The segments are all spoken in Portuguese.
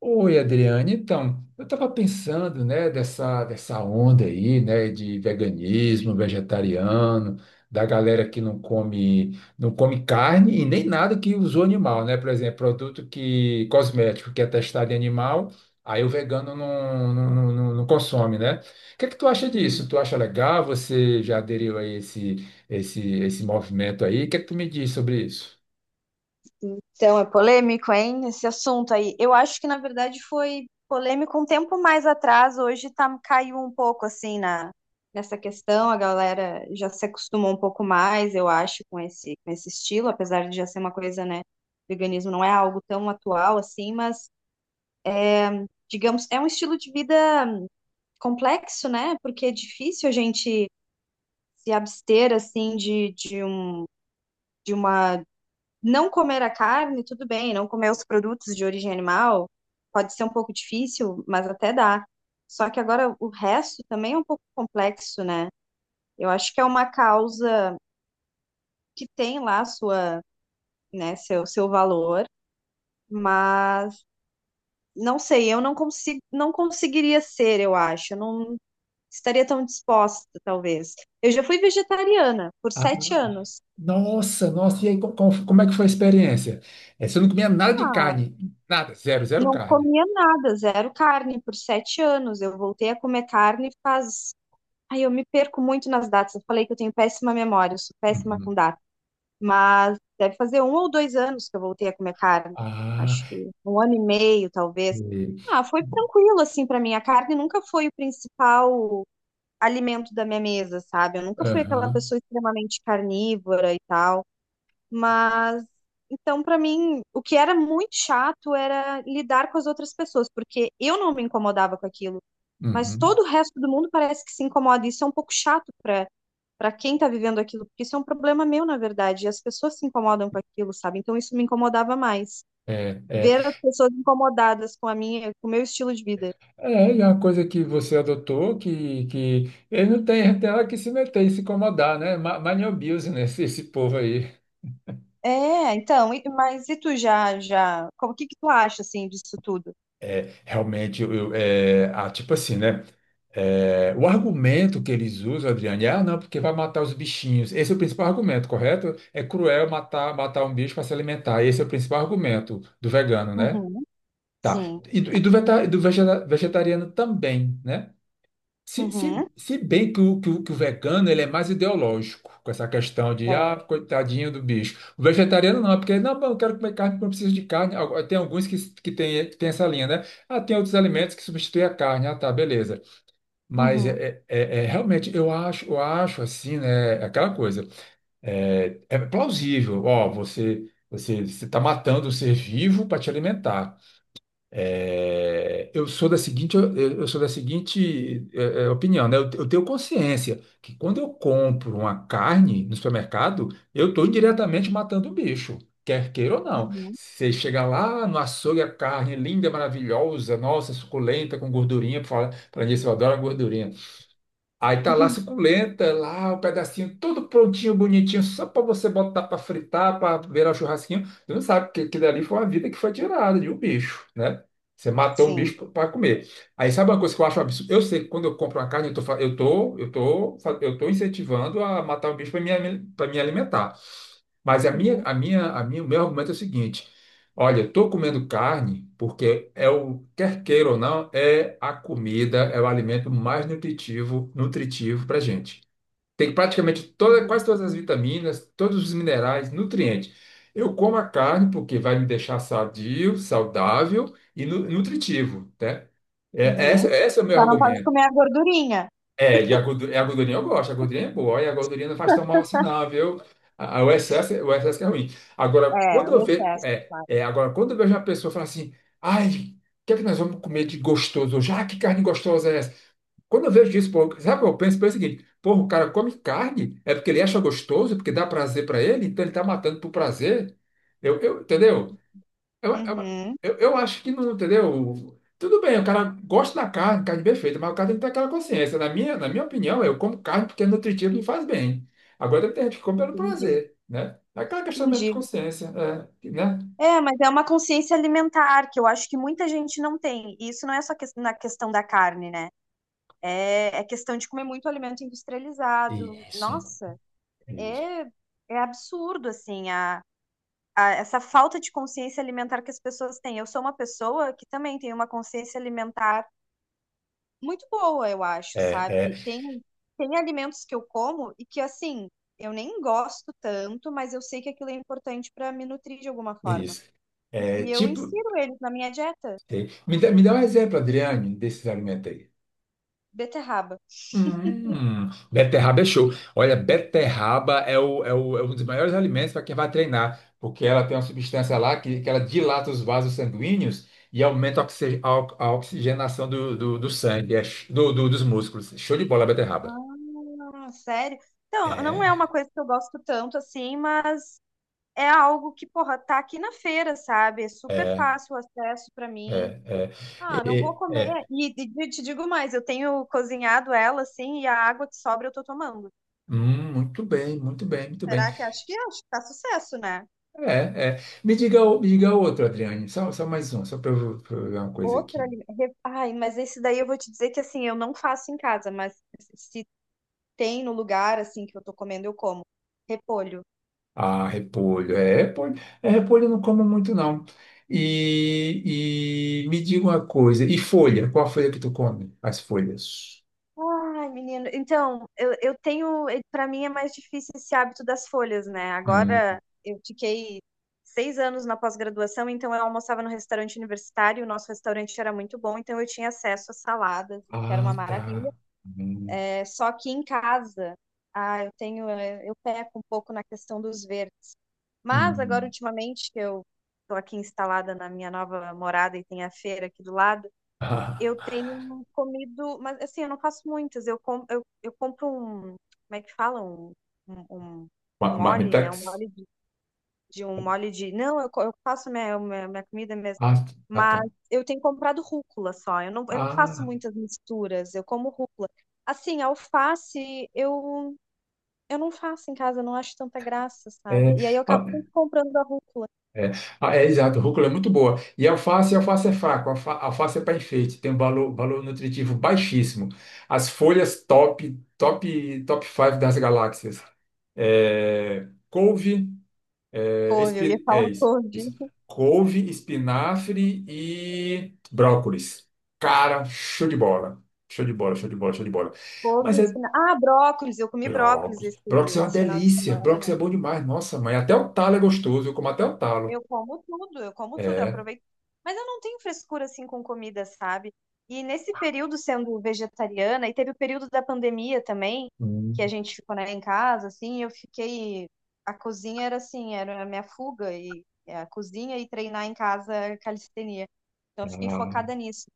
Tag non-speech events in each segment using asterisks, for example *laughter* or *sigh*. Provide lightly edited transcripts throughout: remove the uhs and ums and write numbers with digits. Oi, Adriane. Então, eu estava pensando, né, dessa onda aí, né, de veganismo, vegetariano, da galera que não come carne e nem nada que usou animal, né? Por exemplo, produto que, cosmético que é testado em animal, aí o vegano não consome, né? O que é que tu acha disso? Uhum. Tu acha legal? Você já aderiu a esse movimento aí? O que é que tu me diz sobre isso? Então, é polêmico, hein? Esse assunto aí. Eu acho que, na verdade, foi polêmico um tempo mais atrás. Hoje tá, caiu um pouco, assim, nessa questão. A galera já se acostumou um pouco mais, eu acho, com esse estilo. Apesar de já ser uma coisa, né? Veganismo não é algo tão atual, assim, mas, digamos, é um estilo de vida complexo, né? Porque é difícil a gente se abster, assim, de um de uma não comer a carne, tudo bem, não comer os produtos de origem animal pode ser um pouco difícil, mas até dá. Só que agora o resto também é um pouco complexo, né? Eu acho que é uma causa que tem lá né, seu valor, mas não sei, eu não consigo, não conseguiria ser, eu acho, eu não estaria tão disposta, talvez. Eu já fui vegetariana por 7 anos. Nossa, nossa, e aí como é que foi a experiência? É, você não comia nada de Ah, carne, nada, zero, zero não carne. comia nada, zero carne por 7 anos. Eu voltei a comer carne faz. Aí eu me perco muito nas datas. Eu falei que eu tenho péssima memória, eu sou péssima com Uhum. data. Mas deve fazer um ou 2 anos que eu voltei a comer carne. Ah, Acho que um ano e meio, talvez. e- Ah, foi tranquilo, assim, para mim. A carne nunca foi o principal alimento da minha mesa, sabe? Eu nunca fui aquela aham, pessoa extremamente carnívora e tal. Mas então, para mim, o que era muito chato era lidar com as outras pessoas, porque eu não me incomodava com aquilo, mas uhum. todo o resto do mundo parece que se incomoda. Isso é um pouco chato para quem tá vivendo aquilo, porque isso é um problema meu, na verdade, e as pessoas se incomodam com aquilo, sabe? Então, isso me incomodava mais. É, é, Ver as pessoas incomodadas com a minha, com o meu estilo de vida. é, e é uma coisa que você adotou que, ele não tem, tem hora que se meter e se incomodar, né? Mind your esse povo aí. É, então, mas e tu já, como, o que que tu acha, assim, disso tudo? Realmente, é, ah, tipo assim, né? É, o argumento que eles usam, Adriane, é, ah, não, porque vai matar os bichinhos. Esse é o principal argumento, correto? É cruel matar, matar um bicho para se alimentar. Esse é o principal argumento do vegano, né? Uhum, Tá. sim. E do, vegetariano também, né? Se, Uhum, se, se bem que o, que o, que o vegano, ele é mais ideológico com essa questão de, ah, é. coitadinho do bicho. O vegetariano não, é porque, não, eu quero comer carne porque eu preciso de carne. Tem alguns que tem essa linha, né? Ah, tem outros alimentos que substituem a carne. Ah, tá, beleza. Mas Uhum, realmente eu acho assim, né? Aquela coisa é plausível. Ó, você está matando o ser vivo para te alimentar. É, eu sou da seguinte, opinião, né? Eu tenho consciência que quando eu compro uma carne no supermercado, eu estou indiretamente matando o bicho. Quer queira ou não. uhum. Você chega lá no açougue, a carne linda, maravilhosa, nossa, suculenta, com gordurinha, fala, para mim, eu adoro a gordurinha. Aí tá lá a *laughs* suculenta, lá o pedacinho todo prontinho, bonitinho, só para você botar para fritar, para virar o churrasquinho. Você não sabe que aquilo ali foi uma vida que foi tirada de um bicho, né? Você matou um Sim. bicho para comer. Aí sabe uma coisa que eu acho absurdo? Eu sei que quando eu compro uma carne, eu tô, fa- eu tô, eu tô, eu tô incentivando a matar um bicho para para me alimentar. Mas a minha, Uhum, a minha, a minha, o meu argumento é o seguinte: olha, estou comendo carne porque quer queira ou não, é a comida, é o alimento mais nutritivo, para a gente. Tem praticamente toda, uhum, quase todas as vitaminas, todos os minerais, nutrientes. Eu como a carne porque vai me deixar sadio, saudável e nutritivo, né? É, uhum. Esse é o meu Só não pode argumento. comer a gordurinha. É, a gordurinha eu gosto, a gordurinha é boa, e a gordurinha não faz tão mal assim, não, viu? O excesso, o excesso que é ruim. Agora, É, quando eu o vejo, excesso, é, claro. é, agora, quando eu vejo uma pessoa falar assim, ai, o que é que nós vamos comer de gostoso hoje? Ah, que carne gostosa é essa? Quando eu vejo isso, pô, sabe, o que eu penso, penso o seguinte, pô, o cara come carne, é porque ele acha gostoso, porque dá prazer pra ele, então ele tá matando por prazer. Entendeu? Eu, eu, Uhum, eu acho que não, entendeu? Tudo bem, o cara gosta da carne, carne bem feita, mas o cara tem que ter aquela consciência. Na minha opinião, eu como carne porque é nutritivo e faz bem. Agora tem gente que come pelo entendi, prazer, né? É aquela questão mesmo de entendi. consciência, é, né? É, mas é uma consciência alimentar que eu acho que muita gente não tem. E isso não é só na questão da carne, né? É questão de comer muito alimento industrializado. Nossa, é, é absurdo, assim, essa falta de consciência alimentar que as pessoas têm. Eu sou uma pessoa que também tem uma consciência alimentar muito boa, eu acho, sabe? Tem alimentos que eu como e que, assim, eu nem gosto tanto, mas eu sei que aquilo é importante para me nutrir de alguma forma. Isso. E É, e eu tipo, insiro eles na minha dieta. sei. Me dá um exemplo, Adriane, desses alimentos. Beterraba. Beterraba é show. Olha, beterraba é um dos maiores alimentos para quem vai treinar, porque ela tem uma substância lá que, ela dilata os vasos sanguíneos e aumenta a oxigenação do sangue, dos músculos. Show de bola, beterraba. Ah, sério? Então, não é uma É, coisa que eu gosto tanto assim, mas é algo que, porra, tá aqui na feira, sabe? É super é, fácil o acesso para é, mim. é. Ah, não E- vou e- comer. é. E te digo mais, eu tenho cozinhado ela assim e a água que sobra eu tô tomando. Muito bem, muito bem, muito bem. Será que acho que tá sucesso, né? É, é. Me diga, me diga outro, Adriane. Só mais um, só pra eu ver uma coisa Outra. aqui. Ai, mas esse daí eu vou te dizer que assim, eu não faço em casa, mas se tem no lugar assim que eu tô comendo, eu como. Repolho. Ah, repolho. É, repolho eu não como muito, não. E me diga uma coisa. E folha? Qual a folha que tu come? As folhas. Ai, menino. Então, eu tenho. Pra mim é mais difícil esse hábito das folhas, né? Hum. Agora eu fiquei 6 anos na pós-graduação, então eu almoçava no restaurante universitário, o nosso restaurante era muito bom, então eu tinha acesso a saladas, que era Ah, uma maravilha. tá. Hum. É, só que em casa, ah, eu tenho, é, eu peco um pouco na questão dos verdes. Mas agora, Hum. ultimamente, que eu estou aqui instalada na minha nova morada e tem a feira aqui do lado, eu *laughs* tenho comido, mas assim, eu não faço muitas. Eu compro um, como é que fala? Um, um Ah, mole, né? Um marmitex? mole de um molho de. Não, eu faço minha, minha, minha comida mesmo. Ah, ah, tá. Mas eu tenho comprado rúcula só. Eu não faço Ah, muitas misturas, eu como rúcula. Assim, alface eu não faço em casa, eu não acho tanta graça, sabe? é. E aí eu acabo Ah, sempre comprando a rúcula. é, ah, é, exato, rúcula é muito boa. E alface, é fraco, alface é para enfeite, tem um valor nutritivo baixíssimo. As folhas top, top, top 5 das galáxias. É, couve, é, Couve, eu ia é falar *laughs* isso, couve. isso. Couve, espinafre e brócolis. Cara, show de bola. Show de bola, show de bola, show de bola. Mas Couve, é Ah, brócolis, eu comi brócolis brócolis. esse Brócolis é uma esse final de delícia. Brócolis é semana. bom demais. Nossa, mãe, até o talo é gostoso. Eu como até o talo. Eu como tudo, eu como tudo, eu É. aproveito. Mas eu não tenho frescura assim com comida, sabe? E nesse período sendo vegetariana, e teve o período da pandemia também, que a gente ficou, né, em casa, assim, eu fiquei. A cozinha era assim, era a minha fuga, e é a cozinha e treinar em casa é calistenia. Então eu fiquei Ah, focada nisso.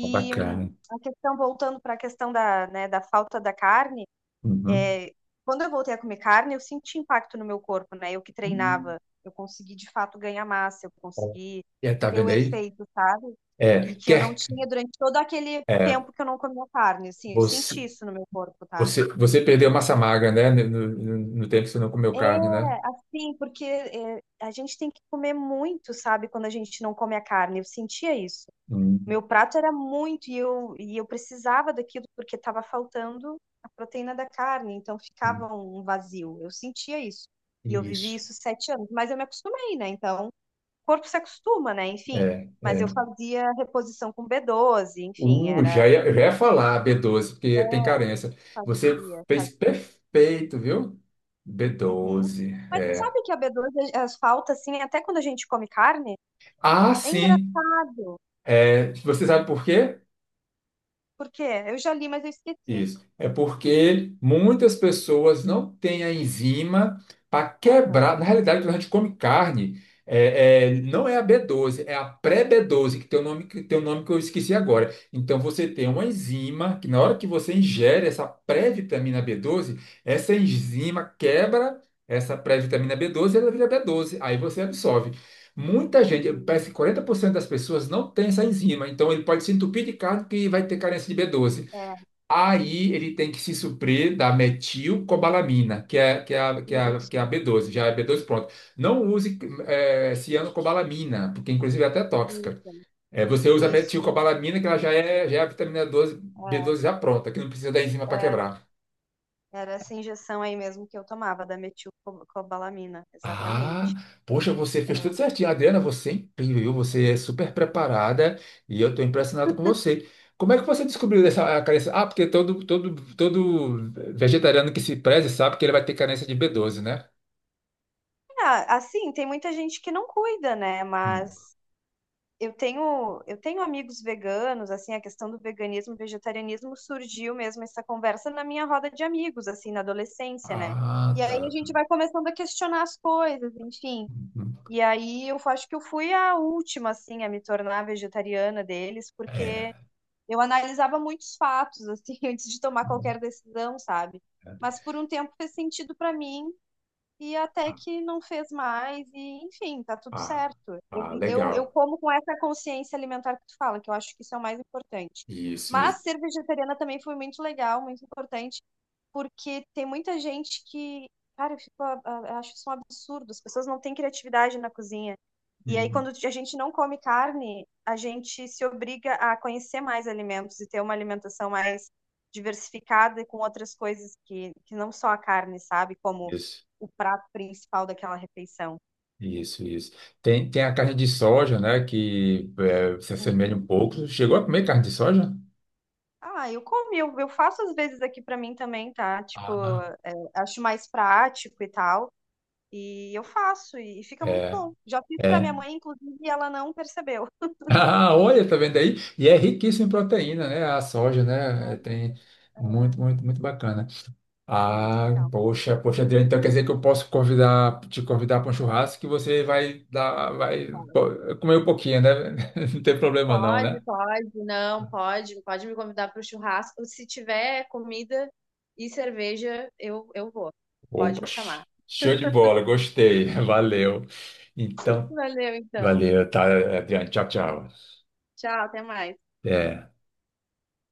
tá bacana. a questão, voltando para a questão da, né, da falta da carne Uhum. é, quando eu voltei a comer carne, eu senti impacto no meu corpo, né? Eu que Hum. treinava, eu consegui de fato ganhar massa, eu consegui É, tá ter o vendo aí? efeito, sabe? É, E que eu não quer, tinha durante todo aquele é, tempo que eu não comia carne, assim, eu você, senti isso no meu corpo, tá? você, você perdeu massa magra, né? No tempo que você não comeu É, carne, né? assim, porque é, a gente tem que comer muito, sabe? Quando a gente não come a carne, eu sentia isso. Hum. Meu prato era muito e eu precisava daquilo porque estava faltando a proteína da carne, então ficava um vazio. Eu sentia isso. E eu vivi Isso. isso 7 anos, mas eu me acostumei, né? Então, o corpo se acostuma, né? Enfim, É, mas eu é. fazia reposição com B12 enfim, Uh, era. já ia, eu já ia falar b doze, porque tem É, carência. Você fazia, fez fazia. perfeito, viu? B Uhum. doze. Mas É. sabe que a B12 as falta, assim, até quando a gente come carne? Ah, É sim. engraçado. É, você sabe por quê? Por quê? Eu já li, mas eu esqueci. Isso. É porque muitas pessoas não têm a enzima para quebrar. Na Aham. realidade, quando a gente come carne, não é a B12, é a pré-B12, que tem um nome que eu esqueci agora. Então, você tem uma enzima que, na hora que você ingere essa pré-vitamina B12, essa enzima quebra essa pré-vitamina B12 e ela vira B12. Aí você absorve. Muita gente, parece Uhum. que 40% das pessoas não tem essa enzima. Então, ele pode se entupir de carne que vai ter carência de B12. É, Aí ele tem que se suprir da metilcobalamina, que é a isso, B12, já é B12 pronto. Não use cianocobalamina, porque inclusive é até tóxica. isso. É, você usa a Isso, metilcobalamina, que ela já é a vitamina 12, é, B12 já pronta, que não precisa da enzima para era, quebrar. era essa injeção aí mesmo que eu tomava, da metilcobalamina, Ah, exatamente. poxa, você fez É. tudo certinho. Adriana, você é incrível, viu? Você é super preparada e eu estou impressionado com você. Como é que você descobriu dessa carência? Ah, porque todo vegetariano que se preze sabe que ele vai ter carência de b doze, né? Ah, assim, tem muita gente que não cuida, né? Hum. Mas eu tenho amigos veganos, assim, a questão do veganismo, vegetarianismo surgiu mesmo essa conversa na minha roda de amigos, assim, na adolescência, né? Ah, E aí a tá. gente vai começando a questionar as coisas, enfim. Hum, E aí eu acho que eu fui a última, assim, a me tornar vegetariana deles, porque é. eu analisava muitos fatos, assim, *laughs* antes de tomar qualquer decisão, sabe? Mas por um tempo fez sentido para mim e até Ah, que não fez mais, e enfim, tá tudo ah, certo. Eu, ah, eu, eu legal. como com essa consciência alimentar que tu fala, que eu acho que isso é o mais importante. Isso, Mas isso. ser vegetariana também foi muito legal, muito importante, porque tem muita gente que, cara, eu, fico, a- eu acho isso um absurdo, as pessoas não têm criatividade na cozinha. E aí, Hum. quando a gente não come carne, a gente se obriga a conhecer mais alimentos e ter uma alimentação mais diversificada e com outras coisas que não só a carne, sabe? Como Isso, o prato principal daquela refeição. isso, isso. Tem a carne de soja, né? Se assemelha um Uhum. pouco. Chegou a comer carne de soja? Ah, eu comi, eu faço às vezes aqui pra mim também, tá? Tipo, Ah, não. é, acho mais prático e tal. E eu faço, e fica muito bom. Já fiz pra minha É. *laughs* mãe, inclusive, e ela não percebeu. Ah, olha, tá vendo aí? E é riquíssimo em proteína, né? A soja, né? É Tem é, muito, muito, muito bacana. é muito Ah, legal. poxa, poxa, Adriano, então quer dizer que eu posso te convidar para um churrasco que você vai dar, vai Pode, pô, comer um pouquinho, né? *laughs* Não tem problema, não, né? pode, pode, não, pode, pode me convidar para o churrasco. Se tiver comida e cerveja, eu vou. Pode Opa, me chamar. Show de bola, gostei, *laughs* valeu. Então, Valeu, então. valeu, tá, Adriano, tchau, tchau. Tchau, até mais. É.